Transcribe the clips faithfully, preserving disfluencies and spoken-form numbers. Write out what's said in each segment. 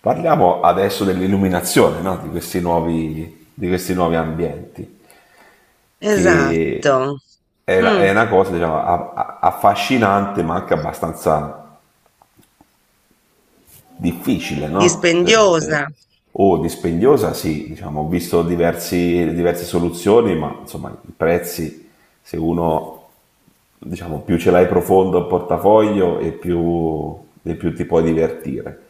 Parliamo adesso dell'illuminazione, no? di, questi nuovi, di questi nuovi ambienti, che Esatto. è, la- è Mh. una cosa diciamo, a- a- affascinante ma anche abbastanza difficile, no? Per- eh, Dispendiosa. o dispendiosa, sì, diciamo, ho visto diversi- diverse soluzioni, ma insomma i prezzi se uno diciamo più ce l'hai profondo il portafoglio e più, e più ti puoi divertire.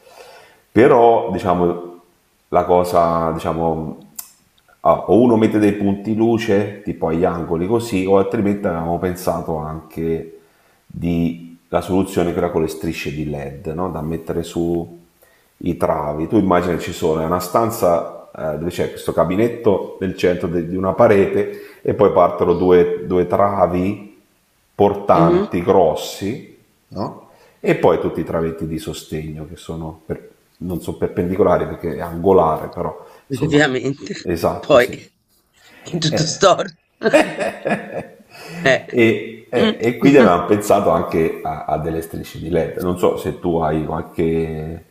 Però diciamo la cosa, diciamo, ah, o uno mette dei punti luce tipo agli angoli così, o altrimenti avevamo pensato anche di la soluzione che era con le strisce di L E D, no? Da mettere su i travi. Tu immagini ci sono, è una stanza eh, dove c'è questo gabinetto nel centro de- di una parete e poi partono due, due travi Mh-mh. portanti, grossi, no? E poi tutti i travetti di sostegno che sono, per- non sono perpendicolari perché è angolare, però insomma, Ovviamente. esatto, Poi sì. è tutto Eh. storto. Eh. E, eh, Mh. e quindi avevamo pensato anche a, a delle strisce di L E D. Non so se tu hai qualche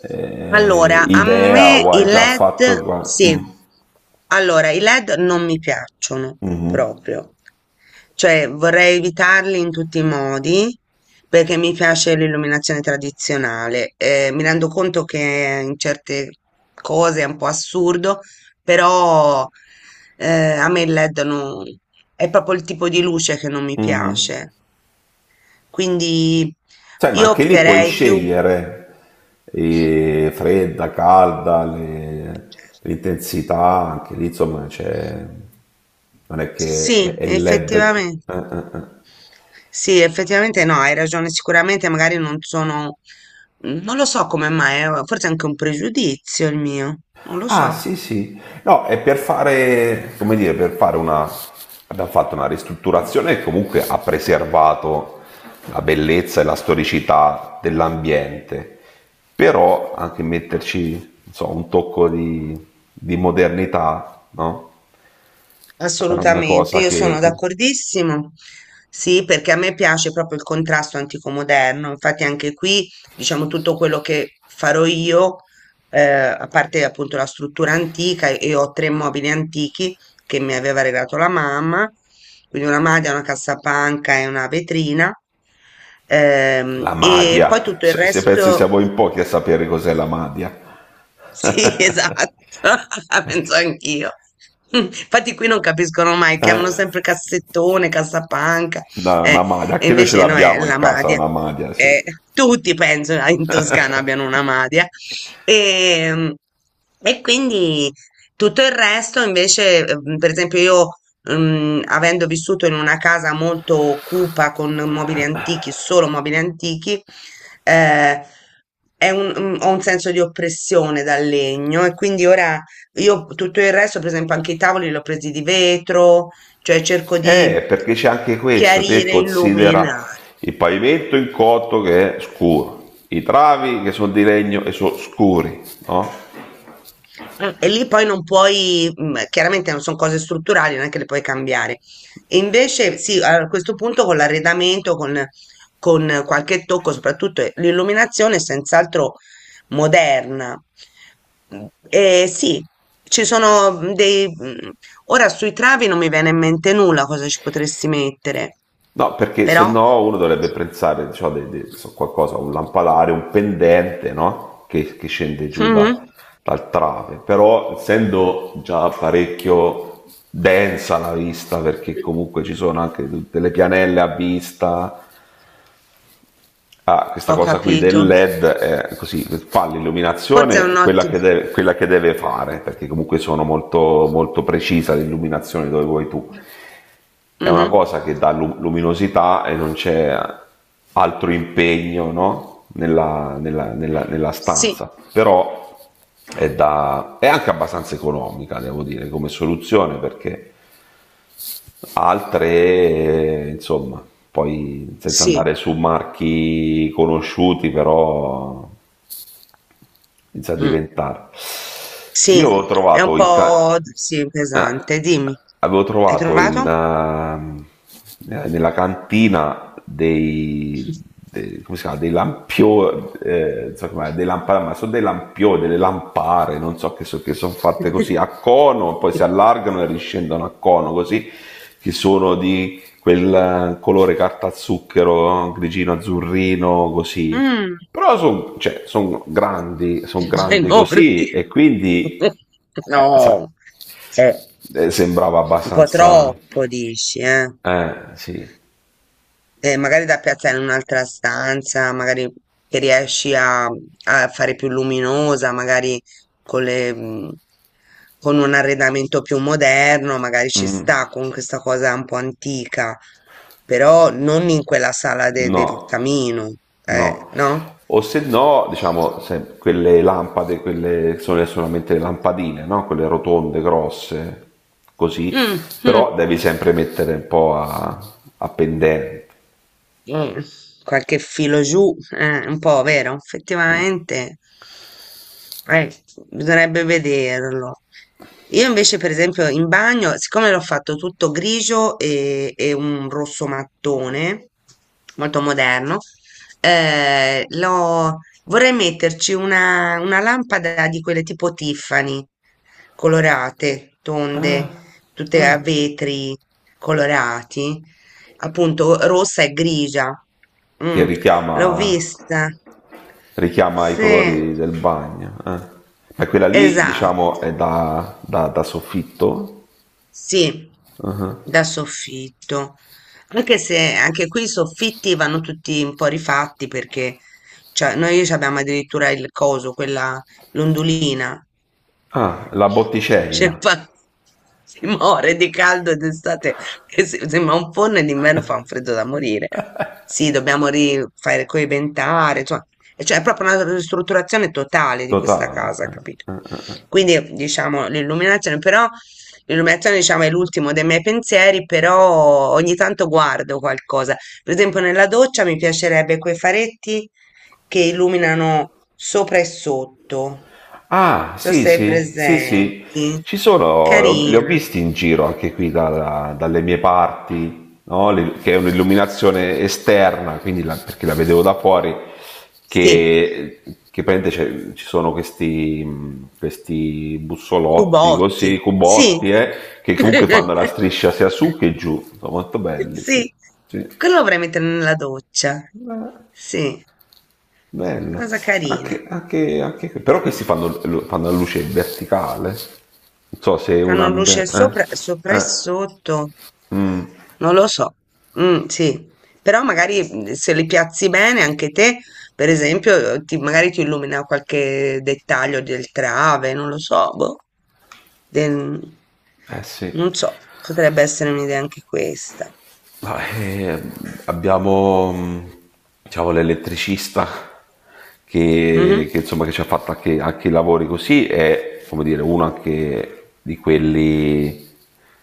eh, Allora, a idea me o i hai già L E D, fatto. qua- sì, Mm, allora i L E D non mi piacciono mhm, proprio, cioè vorrei evitarli in tutti i modi perché mi piace l'illuminazione tradizionale. Eh, mi rendo conto che in certe cose è un po' assurdo, però eh, a me il L E D non, è proprio il tipo di luce che non mi mhm. piace, quindi Sai, ma io anche lì puoi opterei più, scegliere eh, fredda, calda, le- l'intensità, anche lì insomma c'è. Non è che è sì, è L E D. eh, effettivamente. eh, eh. Sì, effettivamente no, hai ragione, sicuramente magari non sono, non lo so come mai, eh, forse è anche un pregiudizio il mio, non lo Ah, so. sì, sì. No, è per fare, come dire, per fare una. Abbiamo fatto una ristrutturazione che comunque ha preservato la bellezza e la storicità dell'ambiente, però anche metterci, non so, un tocco di, di modernità, no? Era una Assolutamente, cosa. io che... sono che- d'accordissimo. Sì, perché a me piace proprio il contrasto antico moderno. Infatti anche qui, diciamo, tutto quello che farò io, eh, a parte appunto la struttura antica, e ho tre mobili antichi che mi aveva regalato la mamma, quindi una maglia, una cassapanca e una vetrina. Ehm, La E poi madia. tutto il Se se penso resto siamo in pochi a sapere cos'è la madia. sì, esatto, la penso anch'io. Infatti qui non capiscono mai, Eh, chiamano sempre cassettone, cassapanca, no, una eh, madia, e anche noi ce invece no, è l'abbiamo in la casa, madia. una madia, sì. Eh, Tutti penso in Toscana abbiano una madia. E, e quindi tutto il resto invece, eh, per esempio io, mm, avendo vissuto in una casa molto cupa con mobili antichi, solo mobili antichi, eh, è un- un- ho un senso di oppressione dal legno e quindi ora io tutto il resto, per esempio anche i tavoli li ho presi di vetro, cioè cerco di Eh, perché c'è anche questo, te chiarire, considera illuminare. il pavimento in cotto che è scuro, i travi che sono di legno e sono scuri, no? Eh, E lì poi non puoi, mm, chiaramente non sono cose strutturali, non è che le puoi cambiare. E invece sì, a questo punto con l'arredamento, con, con qualche tocco, soprattutto eh, l'illuminazione è senz'altro moderna. Mm, E sì, ci sono mm, dei... mm, ora sui travi non mi viene in mente nulla cosa ci potresti mettere, No, perché se però no uno dovrebbe pensare diciamo, di, di- so qualcosa, un lampadario, un pendente, no? Che, che scende giù da- mhm, dal trave, però essendo già parecchio densa la vista, perché comunque ci sono anche tutte le pianelle a vista, a questa ho cosa qui del capito. L E D, eh, così fa Forse è l'illuminazione un quella che, ottimo. deve, quella che deve fare, perché comunque sono molto, molto precisa l'illuminazione dove vuoi tu. È una Mhm, cosa che dà lu- luminosità e non c'è altro impegno no? nella, nella- nella- nella sì, stanza, però è, da- è anche abbastanza economica, devo dire, come soluzione perché Altre, eh, insomma, poi senza sì. andare su marchi conosciuti, però inizia a Mm. diventare. Sì, Io ho è un trovato in, ca- po' d- sì, eh, pesante. Dimmi, avevo hai trovato in, trovato? ehm, eh, nella cantina dei, dei- come si chiama, dei lampioni, non so com'è, dei lampari, ma sono dei lampioni, delle lampare, non so che, so- che sono fatte così a cono, poi si allargano e riscendono a cono così, che sono di quel eh, colore carta zucchero, no? Grigino, azzurrino, così. Mm, Però sono grandi, sono grandi enormi. così e quindi, eh, sai, No, è eh, sembrava un po' abbastanza. troppo, dici, eh? Eh, sì. Eh, magari da piazzare in un'altra stanza, magari che riesci a, a fare più luminosa, magari con le, mm, con un arredamento più moderno, magari ci Mm, sta con questa cosa un po' antica, però non in quella sala de- del no, camino, eh, no. no? O se no, diciamo, se quelle lampade, quelle che sono solamente le lampadine, no? Quelle rotonde, grosse, così. Mm, mm. Però devi sempre mettere un po' a, a pendente. Mm, Qualche filo giù, eh, un po', vero? Mm. Effettivamente, eh, bisognerebbe vederlo. Io invece, per esempio, in bagno, siccome l'ho fatto tutto grigio e, e un rosso mattone, molto moderno, eh, l'ho- vorrei metterci una, una lampada di quelle tipo Tiffany, colorate, Ah, tonde, tutte a vetri colorati appunto rossa e grigia. che Mm, L'ho richiama, vista. richiama i Sì, colori del bagno. Eh. Ma quella lì, esatto. diciamo, è da, da- da soffitto. Sì, da soffitto. Anche se anche qui i soffitti vanno tutti un po' rifatti perché cioè, noi ci abbiamo addirittura il coso, quella l'ondulina. Ah, la Cioè, botticella, fa- si muore di caldo d'estate, che se- sembra un forno e d'inverno fa un freddo da morire. Sì, dobbiamo rifare coibentare, insomma, e cioè è proprio una ristrutturazione totale di questa totale. casa, capito? Eh. Quindi diciamo l'illuminazione, però il lunettone, diciamo, è l'ultimo dei miei pensieri, però ogni tanto guardo qualcosa. Per esempio, nella doccia mi piacerebbe quei faretti che illuminano sopra e sotto. Non Ah, so sì, se hai sì, sì, sì. presenti. Ci sono, li ho Carina. visti in giro anche qui dalla- dalle mie parti, no? Le- Che è un'illuminazione esterna, quindi la- perché la vedevo da fuori, Sì. che, che praticamente c'è- ci sono questi, mh, questi bussolotti Cubotti. così, Sì. cubotti, eh, che comunque fanno la striscia sia su che giù. Sono molto belli, sì. Sì. Sì. Quello lo vorrei mettere nella doccia. Sì. Bello. Cosa carina. Anche, anche, anche... Però questi fanno, fanno la luce verticale. Non so se è una. Fanno luce be- Eh, sopra, sopra e eh, sotto. mm, Non lo so. Mm, sì, però magari mm, se li piazzi bene anche te, per esempio, eh, ti- magari ti illumina qualche dettaglio del trave, non lo so, boh. Del- eh sì. Non so, potrebbe essere un'idea anche questa. Ma, eh, abbiamo mh, diciamo, l'elettricista che, che, Mhm. insomma, che ci ha fatto anche, anche i lavori così, è come dire, uno anche di quelli,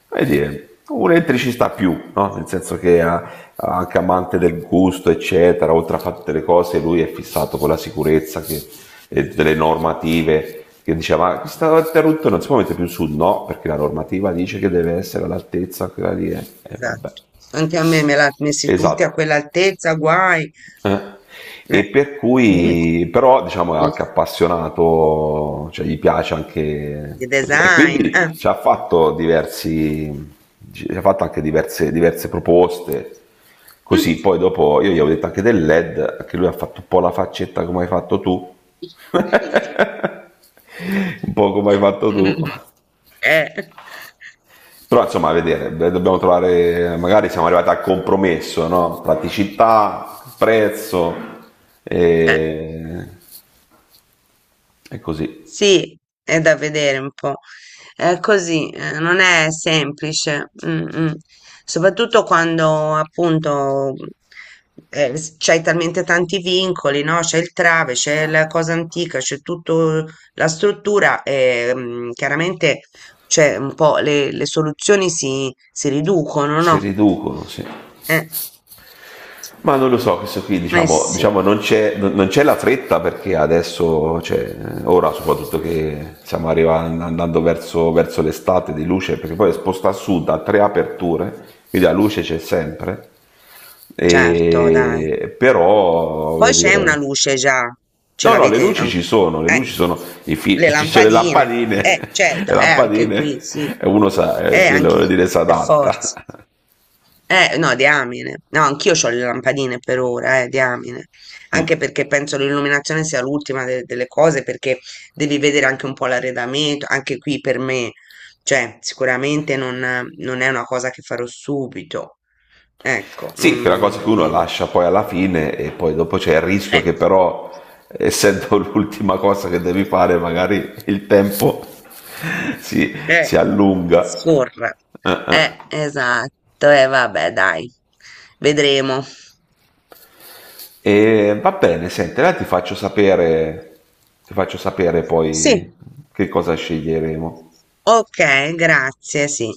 come dire, un elettricista più, no? Nel senso che ha, ha anche amante del gusto, eccetera, oltre a fare tutte le cose, lui è fissato con la sicurezza che, e tutte le normative che diceva ma questa rotta non si può mettere più su no perché la normativa dice che deve essere all'altezza quella lì e eh, vabbè. Esatto. Anche a me me l'ha messi tutti a Esatto. quell'altezza, guai. Eh. E Eh. per Mm. cui, però, diciamo, è anche appassionato, cioè gli piace anche Di così. E design. Eh. quindi ci ha fatto diversi, ci ha fatto anche diverse, diverse proposte. Così, poi dopo io gli avevo detto anche del L E D, anche lui ha fatto un po' la faccetta come hai fatto tu, un po' come hai fatto tu. Eh, Però insomma, a vedere, beh, dobbiamo trovare, magari siamo arrivati al compromesso, no? Praticità, prezzo eh, e, e così. sì, è da vedere un po'. È così, eh, non è semplice, mm, mm. Soprattutto quando appunto eh, s- c'hai talmente tanti vincoli, no? C'è il trave, c'è la cosa antica, c'è tutta la struttura e mm, chiaramente c'è un po' le, le soluzioni si, si riducono, Si no? riducono, sì. Eh. Ma non lo so, questo qui Eh diciamo, sì, diciamo non, c'è, non- non c'è la fretta perché adesso, cioè, ora soprattutto che stiamo arrivando, andando verso, verso, l'estate di luce, perché poi è sposta a sud a tre aperture, quindi la luce c'è sempre, certo, dai. e, però Poi voglio c'è una dire, luce già, ce no, no, le l'avete luci ci ancora. sono, le Eh, luci sono, i fi- le ci sono le lampadine. Eh, lampadine, le certo, eh, anche qui, lampadine, sì. e uno sa, eh, Eh, quello anche vuol dire si per forza. adatta. Eh, no, diamine. No, anch'io ho le lampadine per ora, eh, diamine. Anche Mm. perché penso l'illuminazione sia l'ultima de- delle cose, perché devi vedere anche un po' l'arredamento, anche qui per me. Cioè, sicuramente non, non è una cosa che farò subito. Ecco, Sì, quella cosa che non, uno di- lascia poi alla fine e poi dopo c'è il rischio Eh, che però, essendo l'ultima cosa che devi fare, magari il tempo si, si eh, allunga. scorra. Eh, esatto, e vabbè, dai, vedremo. E va bene, senti, allora ti faccio sapere, ti faccio sapere Sì, poi che cosa sceglieremo. ok, grazie, sì.